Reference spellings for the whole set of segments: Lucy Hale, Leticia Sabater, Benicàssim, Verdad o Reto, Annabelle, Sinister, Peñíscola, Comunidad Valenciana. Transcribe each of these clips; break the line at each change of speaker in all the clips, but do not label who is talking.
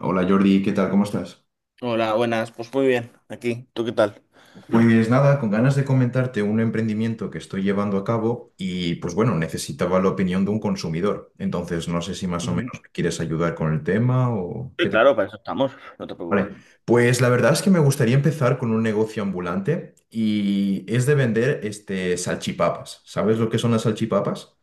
Hola Jordi, ¿qué tal? ¿Cómo estás?
Hola, buenas. Pues muy bien, aquí. ¿Tú qué tal?
Pues nada, con ganas de comentarte un emprendimiento que estoy llevando a cabo y pues bueno, necesitaba la opinión de un consumidor. Entonces, no sé si más o
Ujú.
menos me quieres ayudar con el tema o
Sí,
qué te
claro,
parece.
para eso estamos. No te preocupes.
Vale, pues la verdad es que me gustaría empezar con un negocio ambulante y es de vender este salchipapas. ¿Sabes lo que son las salchipapas?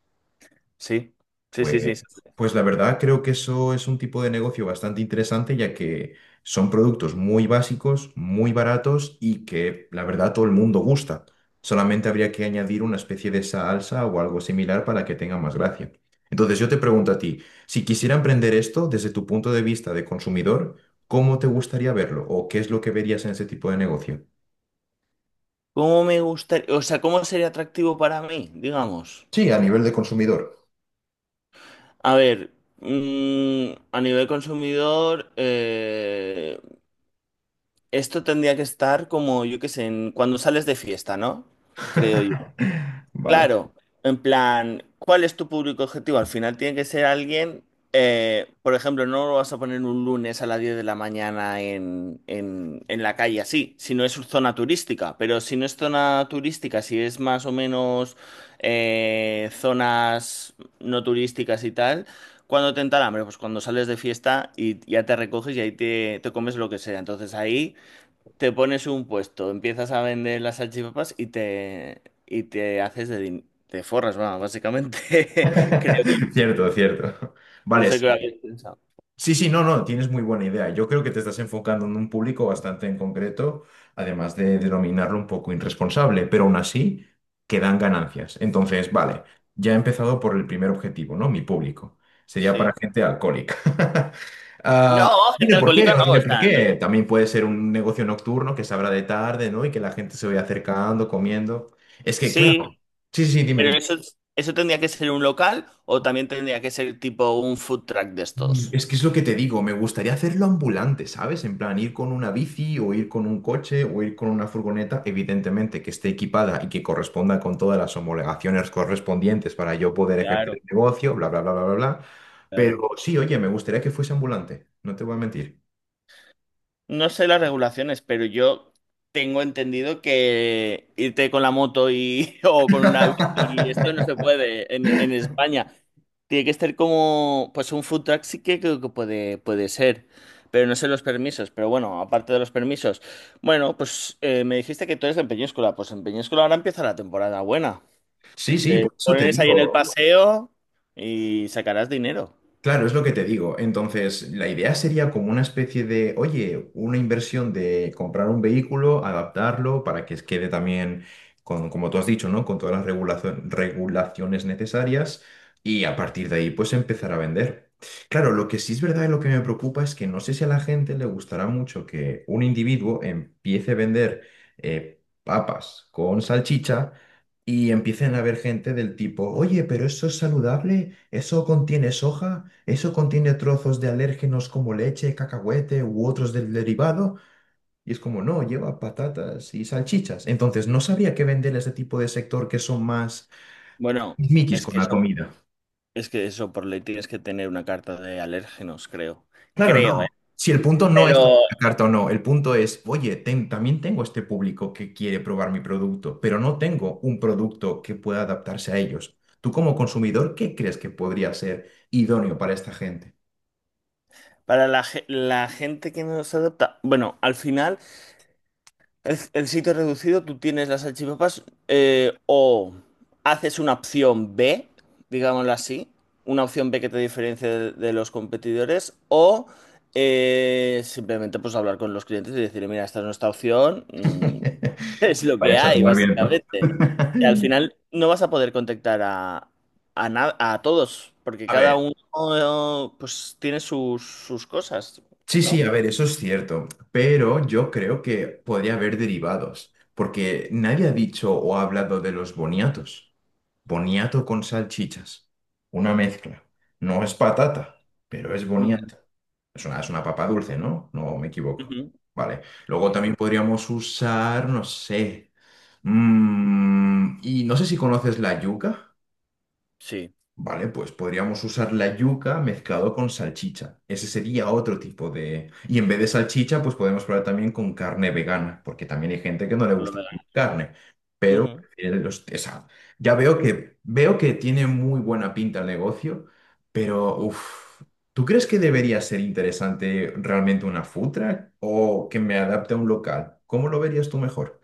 Sí, sí, sí,
Pues,
sí. sí.
pues la verdad creo que eso es un tipo de negocio bastante interesante, ya que son productos muy básicos, muy baratos y que la verdad todo el mundo gusta. Solamente habría que añadir una especie de salsa o algo similar para que tenga más gracia. Entonces yo te pregunto a ti, si quisiera emprender esto desde tu punto de vista de consumidor, ¿cómo te gustaría verlo o qué es lo que verías en ese tipo de negocio?
¿Cómo me gustaría? O sea, ¿cómo sería atractivo para mí, digamos?
Sí, a nivel de consumidor.
A ver, a nivel consumidor, esto tendría que estar como, yo qué sé, cuando sales de fiesta, ¿no? Creo yo.
Vale.
Claro, en plan, ¿cuál es tu público objetivo? Al final tiene que ser alguien, por ejemplo, no lo vas a poner un lunes a las 10 de la mañana en la calle así, si no es zona turística, pero si no es zona turística, si es más o menos zonas no turísticas y tal, ¿cuándo te entra el hambre? Pues cuando sales de fiesta y ya te recoges y ahí te comes lo que sea. Entonces ahí... Te pones un puesto, empiezas a vender las salchipapas y te haces de te forras, va, básicamente, creo yo.
Cierto, cierto.
No
Vale,
sé qué
sí.
habéis pensado.
Sí, sí, no, no, tienes muy buena idea. Yo creo que te estás enfocando en un público bastante en concreto, además de denominarlo un poco irresponsable, pero aún así que dan ganancias. Entonces, vale, ya he empezado por el primer objetivo, ¿no? Mi público. Sería para
Sí.
gente alcohólica. Ah,
No,
no tiene
gente
por
alcohólica
qué, no
no,
tiene
o
por
sea,
qué. También puede ser un negocio nocturno que se abra de tarde, ¿no? Y que la gente se vaya acercando, comiendo. Es que, claro.
Sí,
Sí, sí, sí, dime,
pero
dime.
eso tendría que ser un local o también tendría que ser tipo un food truck de estos.
Es que es lo que te digo, me gustaría hacerlo ambulante, ¿sabes? En plan, ir con una bici o ir con un coche o ir con una furgoneta, evidentemente que esté equipada y que corresponda con todas las homologaciones correspondientes para yo poder ejercer
Claro,
el negocio, bla, bla, bla, bla, bla, bla. Pero
claro.
sí, oye, me gustaría que fuese ambulante, no te voy a mentir.
No sé las regulaciones, pero yo tengo entendido que irte con la moto y o con una bici, esto no se puede en España. Tiene que estar como, pues un food truck sí que creo que puede ser, pero no sé los permisos. Pero bueno, aparte de los permisos, bueno, pues me dijiste que tú eres de Peñíscola, pues en Peñíscola ahora empieza la temporada buena.
Sí, sí,
Te
por eso te
pones ahí en el
digo.
paseo y sacarás dinero.
Claro, es lo que te digo. Entonces, la idea sería como una especie de, oye, una inversión de comprar un vehículo, adaptarlo para que quede también, con, como tú has dicho, ¿no? Con todas las regulaciones necesarias y a partir de ahí, pues empezar a vender. Claro, lo que sí es verdad y lo que me preocupa es que no sé si a la gente le gustará mucho que un individuo empiece a vender papas con salchicha y empiecen a ver gente del tipo, oye, pero eso es saludable, eso contiene soja, eso contiene trozos de alérgenos como leche, cacahuete u otros del derivado, y es como, no, lleva patatas y salchichas. Entonces, no sabía qué vender a ese tipo de sector que son más
Bueno,
miquis
es
con
que
la
eso
comida.
Es que eso, por ley tienes que tener una carta de alérgenos, creo.
Claro,
Creo, ¿eh?
no. Si el punto no es tener
Pero
la carta o no, el punto es, oye, también tengo este público que quiere probar mi producto, pero no tengo un producto que pueda adaptarse a ellos. Tú como consumidor, ¿qué crees que podría ser idóneo para esta gente?
para la gente que no se adapta, bueno, al final, el sitio reducido, tú tienes las salchipapas o haces una opción B, digámoslo así, una opción B que te diferencia de los competidores, o simplemente pues hablar con los clientes y decir, mira, esta es nuestra opción, es lo que
Vayas a
hay,
tomar viento.
básicamente. Que al final no vas a poder contactar a todos, porque
A
cada
ver.
uno pues tiene sus, sus cosas,
Sí, sí,
¿no?
a ver, eso es cierto, pero yo creo que podría haber derivados, porque nadie ha dicho o ha hablado de los boniatos. Boniato con salchichas, una mezcla. No es patata, pero es
Ujú.
boniato. Es una papa dulce, ¿no? No me equivoco.
Ujú.
Vale. Luego
Sí,
también podríamos usar, no sé, y no sé si conoces la yuca.
sí,
Vale, pues podríamos usar la yuca mezclado con salchicha. Ese sería otro tipo de... Y en vez de salchicha, pues podemos probar también con carne vegana, porque también hay gente que no le
por lo
gusta
menos.
comer carne, pero
Ujú.
prefiere los... o ya veo que tiene muy buena pinta el negocio, pero uff, ¿tú crees que debería ser interesante realmente una food truck o que me adapte a un local? ¿Cómo lo verías tú mejor?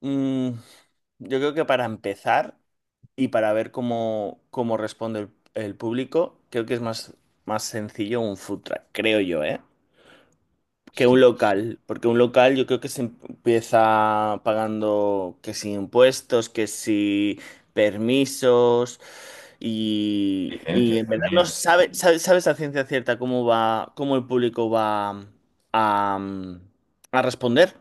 Mm, yo creo que para empezar y para ver cómo, cómo responde el público, creo que es más sencillo un food truck, creo yo, ¿eh? Que
Sí,
un local, porque un local yo creo que se empieza pagando que si impuestos, que si permisos y
licencias
en verdad
también.
no sabes a ciencia cierta cómo va, cómo el público va a, a responder.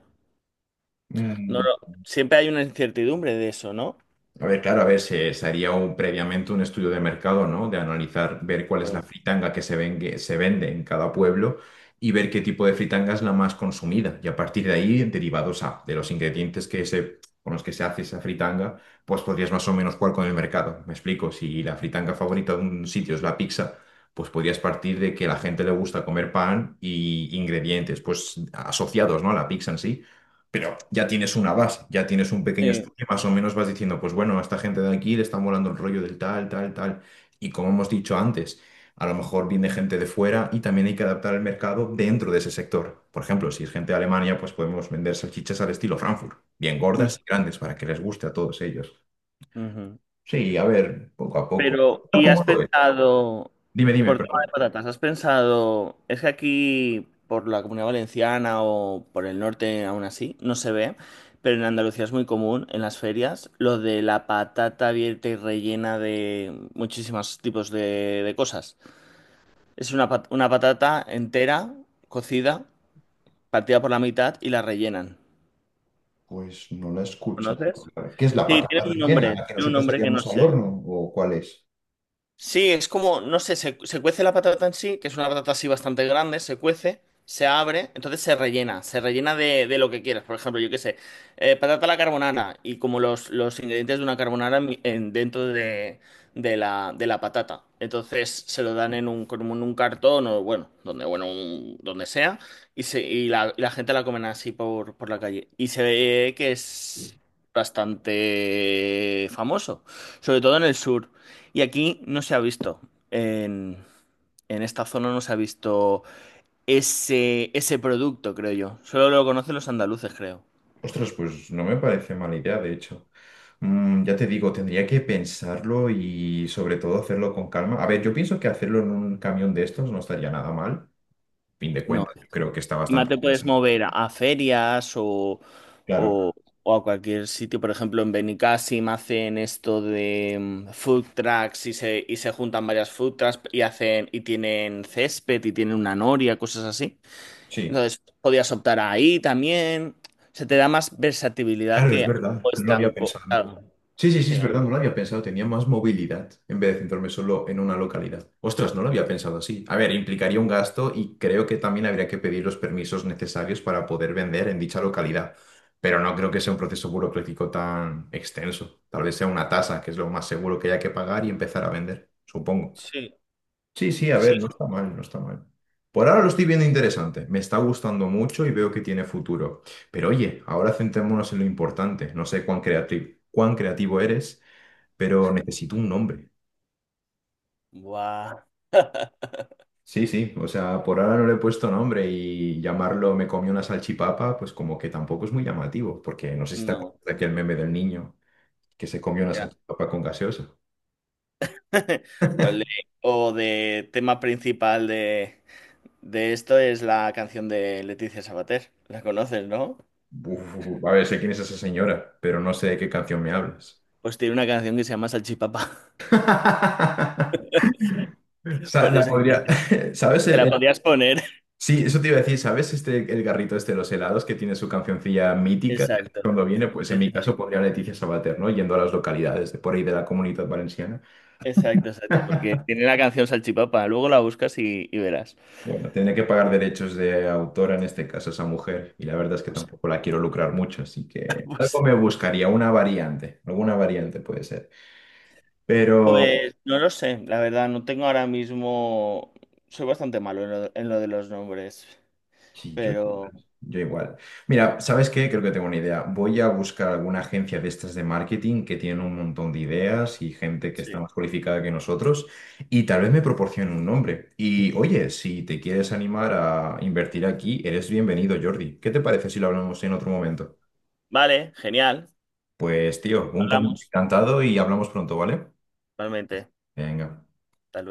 No, siempre hay una incertidumbre de eso, ¿no?
A ver, claro, a ver, se haría un, previamente un estudio de mercado, ¿no? De analizar, ver cuál es la
Claro.
fritanga que se, se vende en cada pueblo y ver qué tipo de fritanga es la más consumida. Y a partir de ahí, derivados a, de los ingredientes que se, con los que se hace esa fritanga, pues podrías más o menos jugar con el mercado. Me explico, si la fritanga favorita de un sitio es la pizza, pues podrías partir de que a la gente le gusta comer pan y ingredientes, pues asociados, ¿no? A la pizza en sí pero ya tienes una base, ya tienes un pequeño
Sí.
estudio, más o menos vas diciendo, pues bueno, a esta gente de aquí le está molando el rollo del tal, tal, tal. Y como hemos dicho antes, a lo mejor viene gente de fuera y también hay que adaptar el mercado dentro de ese sector. Por ejemplo, si es gente de Alemania, pues podemos vender salchichas al estilo Frankfurt, bien
Mm,
gordas y grandes para que les guste a todos ellos.
ujú.
Sí, a ver, poco a poco.
Pero, ¿y has
¿Cómo lo ves?
pensado,
Dime, dime,
por tema
perdón.
de patatas, has pensado? Es que aquí, por la Comunidad Valenciana o por el norte aún así, no se ve, pero en Andalucía es muy común en las ferias lo de la patata abierta y rellena de muchísimos tipos de cosas. Es una, una patata entera, cocida, partida por la mitad y la rellenan.
Pues no la he escuchado
¿Conoces?
hablar. ¿Qué es la
Sí,
patata rellena? ¿La que
tiene un
nosotros
nombre que no
haríamos al
sé.
horno o cuál es?
Sí, es como, no sé, se cuece la patata en sí, que es una patata así bastante grande, se cuece, se abre, entonces se rellena de lo que quieras. Por ejemplo, yo qué sé, patata a la carbonara y como los ingredientes de una carbonara dentro de la patata. Entonces se lo dan en un, como en un cartón o bueno, donde, bueno, donde sea, y la gente la comen así por la calle. Y se ve que es bastante famoso, sobre todo en el sur. Y aquí no se ha visto. En, en esta zona no se ha visto ese producto, creo yo. Solo lo conocen los andaluces, creo.
Ostras, pues no me parece mala idea, de hecho. Ya te digo, tendría que pensarlo y sobre todo hacerlo con calma. A ver, yo pienso que hacerlo en un camión de estos no estaría nada mal. Fin de
No.
cuentas, yo creo que está
Encima
bastante
te puedes
interesante.
mover a ferias
Claro,
o, o a cualquier sitio. Por ejemplo, en Benicàssim hacen esto de food trucks y se juntan varias food trucks y hacen, y tienen césped y tienen una noria, cosas así.
sí.
Entonces, podías optar ahí también. Se te da más versatilidad
Claro, es
que
verdad,
algo
no lo había
estanco.
pensado.
Claro.
Sí, sí, sí,
Sí,
es verdad, no lo había pensado, tenía más movilidad en vez de centrarme solo en una localidad. Ostras, no lo había pensado así. A ver, implicaría un gasto y creo que también habría que pedir los permisos necesarios para poder vender en dicha localidad, pero no creo que sea un proceso burocrático tan extenso. Tal vez sea una tasa, que es lo más seguro que haya que pagar y empezar a vender, supongo.
sí,
Sí, sí, a
sí.
ver, no está mal, no está mal. Por ahora lo estoy viendo interesante, me está gustando mucho y veo que tiene futuro. Pero oye, ahora centrémonos en lo importante, no sé cuán creativo eres pero necesito un nombre.
Guau.
Sí, sí, o sea, por ahora no le he puesto nombre y llamarlo me comí una salchipapa, pues como que tampoco es muy llamativo, porque no sé si te
No,
acuerdas de aquel meme del niño que se comió una
ya.
salchipapa con gaseosa.
O, el- o de tema principal de esto es la canción de Leticia Sabater. ¿La conoces, no?
Uf, a ver, sé quién es esa señora, pero no sé de qué canción me hablas.
Pues tiene una canción que se llama Salchipapa.
O sea,
Por
la
eso que
podría. ¿Sabes
te
el,
la
el-
podías poner.
Sí, eso te iba a decir, ¿sabes este el garrito este de los helados que tiene su cancioncilla mítica?
Exacto,
Cuando viene, pues en mi caso
exacto.
pondría a Leticia Sabater, ¿no? Yendo a las localidades de por ahí de la Comunidad Valenciana.
Exacto, exacto, porque tiene la canción Salchipapa. Luego la buscas y verás.
Bueno, tiene que pagar derechos de autor en este caso a esa mujer y la verdad es que
Pues,
tampoco la quiero lucrar mucho, así que algo
pues
me buscaría, una variante, alguna variante puede ser. Pero
Pues no lo sé, la verdad, no tengo ahora mismo. Soy bastante malo en lo de los nombres,
sí,
pero
yo igual. Mira, ¿sabes qué? Creo que tengo una idea. Voy a buscar alguna agencia de estas de marketing que tiene un montón de ideas y gente que
sí.
está más cualificada que nosotros y tal vez me proporcionen un nombre. Y oye, si te quieres animar a invertir aquí, eres bienvenido, Jordi. ¿Qué te parece si lo hablamos en otro momento?
Vale, genial.
Pues tío, un
Hablamos,
encantado y hablamos pronto, ¿vale?
realmente.
Venga.